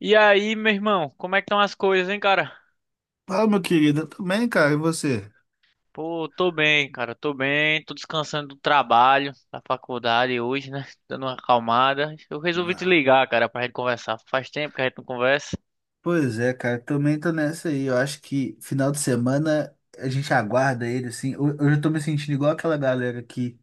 E aí, meu irmão, como é que estão as coisas, hein, cara? Fala, meu querido, eu também, cara, e você? Pô, tô bem, cara, tô bem, tô descansando do trabalho, da faculdade hoje, né? Dando uma acalmada. Eu resolvi te Ah, ligar, cara, pra gente conversar. Faz tempo que a gente não conversa. pois é, cara, também tô nessa aí. Eu acho que final de semana a gente aguarda ele, assim. Eu já tô me sentindo igual aquela galera que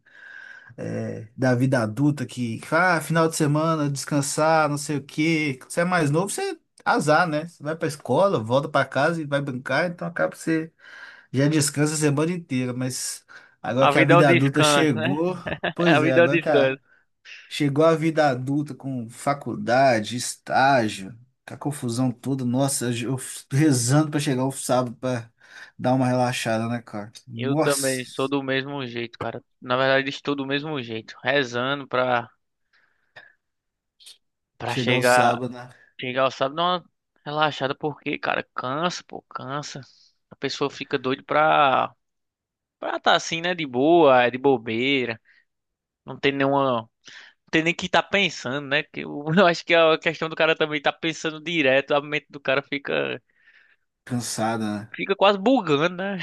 da vida adulta que, ah, final de semana, descansar, não sei o quê. Você é mais novo, você azar, né? Você vai pra escola, volta pra casa e vai brincar, então acaba que você já descansa a semana inteira. Mas agora A que a vida é um vida adulta descanso, né? chegou, A pois é, vida é um agora que a descanso. Chegou a vida adulta com faculdade, estágio, com a confusão toda. Nossa, eu rezando pra chegar o sábado pra dar uma relaxada, né, cara? Eu também sou Nossa, do mesmo jeito, cara. Na verdade, estou do mesmo jeito, rezando pra chegar o chegar, sábado, né? chegar ao sábado, dar uma relaxada, porque, cara, cansa, pô, cansa. A pessoa fica doida pra. Pra tá assim, né? De boa, é de bobeira. Não tem nenhuma. Não tem nem que tá pensando, né? Que eu, eu acho que a questão do cara também tá pensando direto. A mente do cara fica. Cansada, né? Fica quase bugando, né?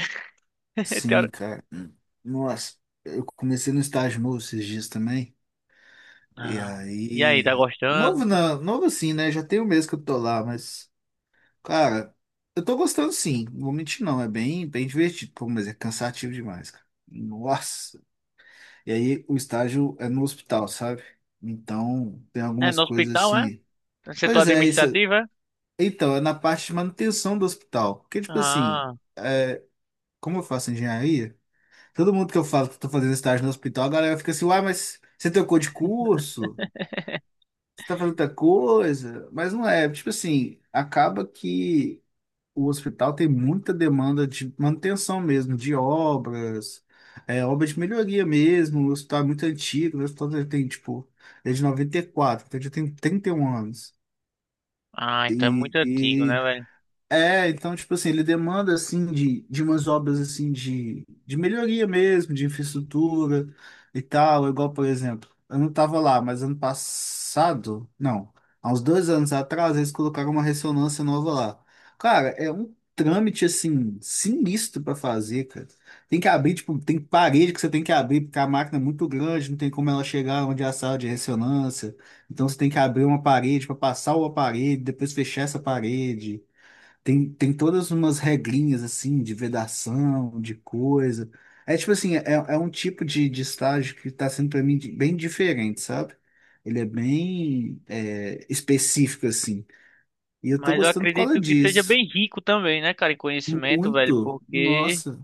Tem Sim, hora- cara. Nossa, eu comecei no estágio novo esses dias também. E Ah, e aí, tá aí. gostando? Novo não, novo assim, né? Já tem um mês que eu tô lá, mas, cara, eu tô gostando sim. Não vou mentir, não. É bem, bem divertido, pô, mas é cansativo demais, cara. Nossa. E aí o estágio é no hospital, sabe? Então tem É, algumas no coisas hospital, é? assim. No setor Pois é, isso. administrativo, é? Então, é na parte de manutenção do hospital. Porque, tipo assim, Ah, como eu faço engenharia, todo mundo que eu falo que eu tô fazendo estágio no hospital, a galera fica assim, uai, mas você trocou de curso? Você tá fazendo outra coisa? Mas não é, tipo assim, acaba que. O hospital tem muita demanda de manutenção mesmo, de obras, obras de melhoria mesmo. O hospital é muito antigo, o hospital já tem, tipo, é de quatro, então já tem 31 anos. ah, então é E, muito antigo, um anos. E né, velho? é, então, tipo assim, ele demanda, assim, de umas obras, assim, de melhoria mesmo, de infraestrutura e tal, igual, por exemplo, eu não tava lá, mas ano passado, não, há uns dois anos atrás, eles colocaram uma ressonância nova lá. Cara, é um trâmite, assim, sinistro pra fazer, cara. Tem que abrir, tipo, tem parede que você tem que abrir, porque a máquina é muito grande, não tem como ela chegar onde é a sala de ressonância, então você tem que abrir uma parede para passar o aparelho, depois fechar essa parede. Tem todas umas regrinhas assim de vedação, de coisa. É tipo assim, é um tipo de estágio que está sendo para mim bem diferente, sabe? Ele é bem específico assim. E eu tô Mas eu gostando por causa acredito que seja disso. bem rico também, né, cara, em conhecimento, velho, Muito. porque. Nossa,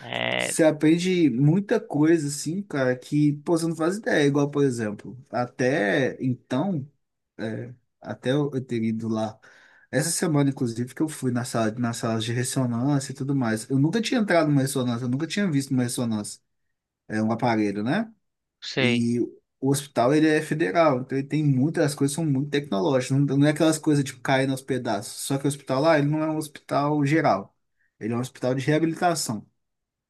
É, não você aprende muita coisa assim, cara, que pô, você não faz ideia. Igual, por exemplo, até então. É, até eu ter ido lá. Essa semana, inclusive, que eu fui na sala de ressonância e tudo mais. Eu nunca tinha entrado numa ressonância, eu nunca tinha visto uma ressonância. É um aparelho, né? sei. E o hospital, ele é federal, então ele tem muitas, as coisas são muito tecnológicas. Não, não é aquelas coisas, tipo, caindo aos pedaços. Só que o hospital lá, ele não é um hospital geral. Ele é um hospital de reabilitação.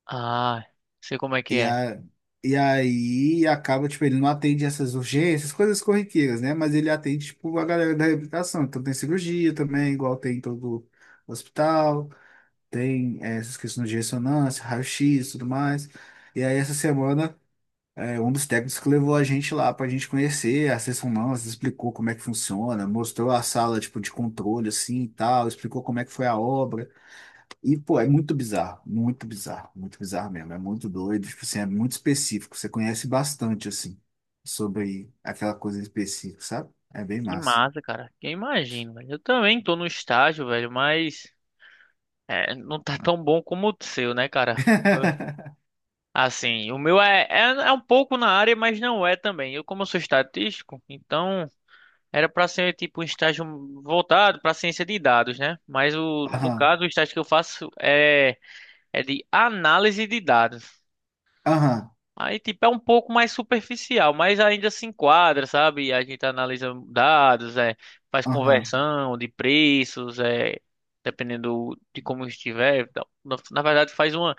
Ah, sei como E, é. a, e aí acaba, tipo, ele não atende essas urgências, coisas corriqueiras, né? Mas ele atende, tipo, a galera da reabilitação. Então tem cirurgia também, igual tem em todo hospital, tem essas questões de ressonância, raio-x e tudo mais. E aí essa semana, um dos técnicos que levou a gente lá pra gente conhecer as ressonâncias, explicou como é que funciona, mostrou a sala, tipo, de controle, assim, e tal, explicou como é que foi a obra. E, pô, é muito bizarro, muito bizarro, muito bizarro mesmo. É muito doido, tipo assim, é muito específico. Você conhece bastante, assim, sobre aquela coisa específica, sabe? É bem Que massa. massa, cara. Que eu imagino, velho. Eu também tô no estágio, velho, mas é, não tá tão bom como o seu, né, cara? Assim, o meu é um pouco na área, mas não é também. Como eu sou estatístico, então era pra ser tipo um estágio voltado pra ciência de dados, né? Mas no Aham, caso, o estágio que eu faço é de análise de dados. aham, Aí, tipo, é um pouco mais superficial, mas ainda se enquadra, sabe? A gente analisa dados, é, faz aham, conversão de preços, é, dependendo de como estiver. Na verdade, faz uma,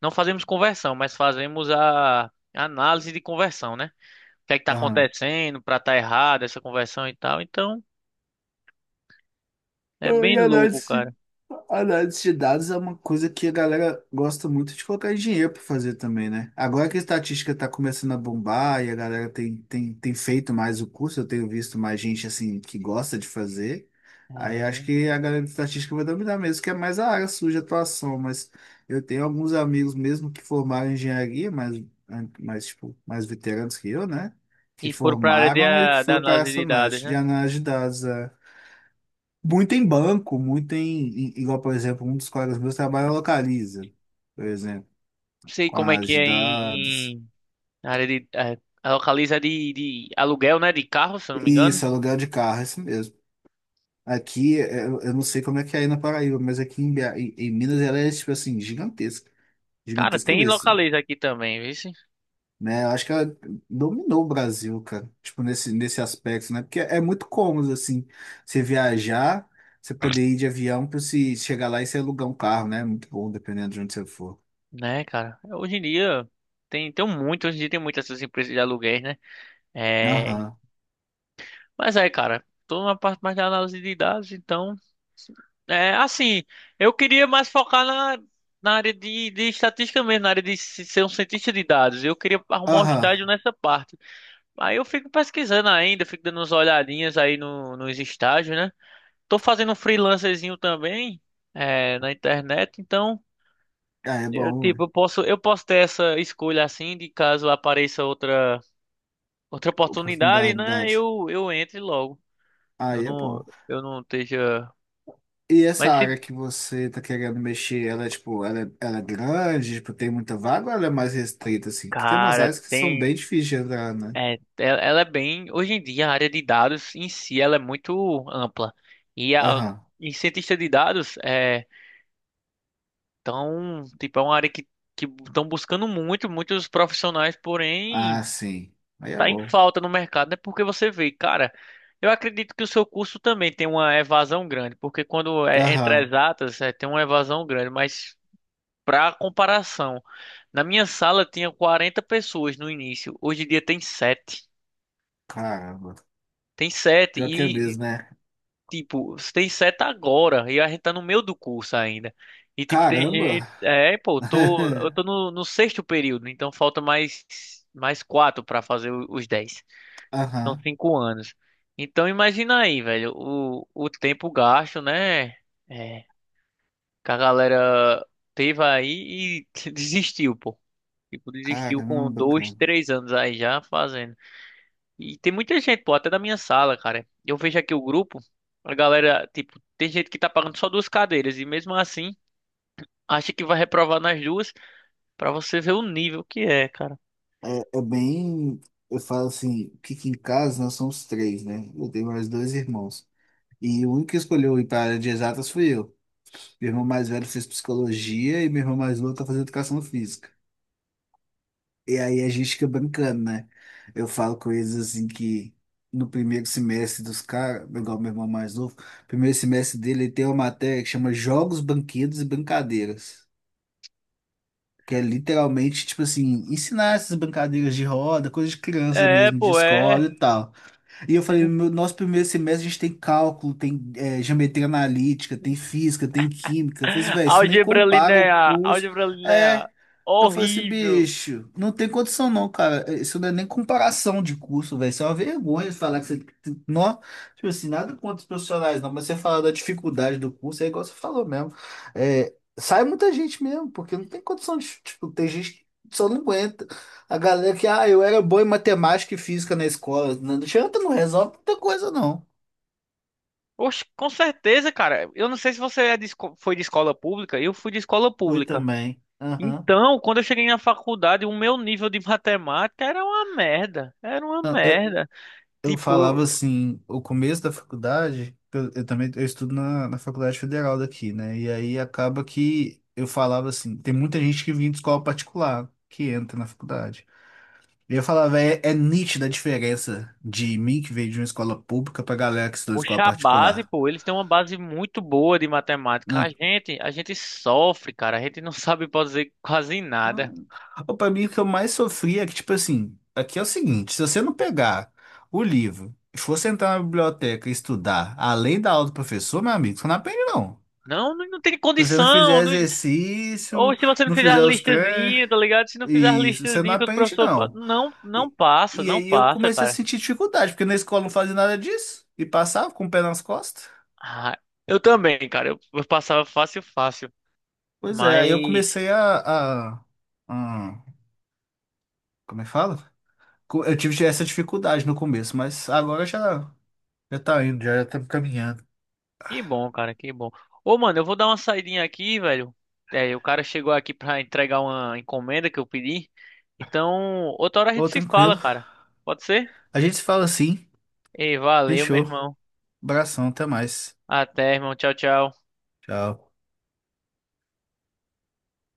não fazemos conversão, mas fazemos a análise de conversão, né? O que é que tá aham. acontecendo para tá errado essa conversão e tal. Então, Ah, é e bem louco, análise, cara. análise de dados é uma coisa que a galera gosta muito de colocar engenheiro para fazer também, né? Agora que a estatística está começando a bombar e a galera tem feito mais o curso, eu tenho visto mais gente assim que gosta de fazer. Aí acho que a galera de estatística vai dominar mesmo, que é mais a área suja, de atuação, mas eu tenho alguns amigos mesmo que formaram em engenharia, mas mais, tipo, mais veteranos que eu, né? Que E foram para a área formaram e que da foram para análise essa de dados, né? análise de dados. É. Muito em banco, muito igual, por exemplo, um dos colegas meus trabalha na Localiza, por exemplo, Não sei com como é que análise de é em, dados. A área de, a Localiza de aluguel, né? De carro, se eu não me engano. Isso, aluguel de carro, é isso mesmo. Aqui, eu não sei como é que é aí na Paraíba, mas aqui em BH, em Minas ela é, tipo assim, gigantesca. Cara, Gigantesca tem mesmo, assim, Localiza aqui também, viu? né? Eu acho que ela dominou o Brasil, cara, tipo, nesse aspecto, né? Porque é muito cômodo, assim, você viajar, você poder ir de avião para se chegar lá e você alugar um carro, né? É muito bom, dependendo de onde você for. Né, cara? Hoje em dia tem muitas essas empresas de aluguéis, né? É, Aham. mas aí, cara, tô na parte mais da análise de dados, então. É assim, eu queria mais focar na área de estatística mesmo, na área de ser um cientista de dados. Eu queria arrumar um Aham. estágio nessa parte. Aí eu fico pesquisando ainda, fico dando umas olhadinhas aí no, nos estágios, né? Tô fazendo um freelancerzinho também, é, na internet, então Ah, é eu bom, ué. tipo, eu posso ter essa escolha assim de caso apareça outra oportunidade, Oportunidade. né? Idade. Eu entre logo. Eu Aí é não bom. eu não esteja, E essa mas se área que você tá querendo mexer, ela é tipo, ela é grande, tipo, tem muita vaga ou ela é mais restrita, assim? Que tem umas cara, áreas que são bem tem difíceis de entrar, né? Ela é bem, hoje em dia a área de dados em si ela é muito ampla. E a Aham. e cientista de dados é tão, tipo, é uma área que estão buscando muitos profissionais, Ah, porém sim. Aí é tá em bom. falta no mercado, né? Porque você vê, cara, eu acredito que o seu curso também tem uma evasão grande, porque quando é entre Aham. exatas, é, tem uma evasão grande, mas para comparação, na minha sala tinha 40 pessoas no início, hoje em dia tem sete. Caramba. Tem 7 Pior que é e mesmo, né? tipo, tem 7 agora e a gente tá no meio do curso ainda. E tipo, tem gente, Caramba! é, pô, eu tô, eu tô no sexto período, então falta mais 4 para fazer os 10. São Aham. 5 anos. Então imagina aí, velho, o tempo gasto, né? É, que a galera teve aí e desistiu, pô. Tipo, desistiu com Caramba, dois, cara. três anos aí já fazendo. E tem muita gente, pô, até da minha sala, cara. Eu vejo aqui o grupo, a galera, tipo, tem gente que tá pagando só duas cadeiras e mesmo assim acha que vai reprovar nas duas pra você ver o nível que é, cara. É bem. Eu falo assim, que aqui em casa nós somos três, né? Eu tenho mais dois irmãos. E o único que escolheu ir para a área de exatas fui eu. Meu irmão mais velho fez psicologia e meu irmão mais novo tá fazendo educação física. E aí a gente fica brincando, né? Eu falo com eles assim que no primeiro semestre dos caras, igual meu irmão mais novo, primeiro semestre dele ele tem uma matéria que chama Jogos, Banquetes e Brincadeiras. Que é literalmente, tipo assim, ensinar essas brincadeiras de roda, coisa de criança É, mesmo, de pô, escola é. e tal. E eu falei, meu, nosso primeiro semestre a gente tem cálculo, tem geometria analítica, tem física, tem química. Eu falei assim, velho, isso nem Álgebra compara o linear, curso. álgebra linear. É, eu falei assim, Horrível. bicho, não tem condição não, cara. Isso não é nem comparação de curso, velho. Isso é uma vergonha falar que você. Não, tipo assim, nada contra os profissionais, não, mas você falar da dificuldade do curso, é igual você falou mesmo. É, sai muita gente mesmo, porque não tem condição de. Tipo, tem gente que só não aguenta. A galera que, ah, eu era boa em matemática e física na escola. Não adianta, não resolve muita coisa, não. Oxe, com certeza, cara. Eu não sei se você foi de escola pública, eu fui de escola Fui pública. também. Aham. Então, quando eu cheguei na faculdade, o meu nível de matemática era uma merda. Era uma merda. Eu Tipo, falava eu- assim, o começo da faculdade, que eu também eu estudo na Faculdade Federal daqui, né? E aí acaba que eu falava assim, tem muita gente que vem de escola particular, que entra na faculdade. E eu falava, é nítida a diferença de mim que veio de uma escola pública pra galera que estudou em Oxe, escola a base, particular. pô, eles têm uma base muito boa de matemática. A Não, gente, a gente sofre, cara. A gente não sabe fazer quase nada. não. Ou pra mim, o que eu mais sofria é que, tipo assim, aqui é o seguinte, se você não pegar o livro e for sentar na biblioteca e estudar, além da aula do professor, meu amigo, você não aprende, não. Não, não, não tem Se você não condição. fizer Não- Ou exercício, se você não não fizer as fizer os treinos, listazinhas, tá ligado? Se não fizer as isso, você não listazinhas que o aprende, professor. Pa- não. Não, não E, passa, e não aí eu passa, comecei a cara. sentir dificuldade, porque na escola não fazia nada disso, e passava com o pé nas costas. Ah, eu também, cara. Eu passava fácil, fácil. Pois é, aí eu Mas comecei a- como é que fala? Eu tive essa dificuldade no começo, mas agora já, já tá indo, já, já tá caminhando. que bom, cara, que bom. Ô, mano, eu vou dar uma saidinha aqui, velho. É, o cara chegou aqui pra entregar uma encomenda que eu pedi. Então, outra hora a Ô, gente se tranquilo. fala, cara. Pode ser? A gente se fala assim, Ei, valeu, meu fechou. irmão. Abração, até mais. Até, irmão. Tchau, tchau. Tchau.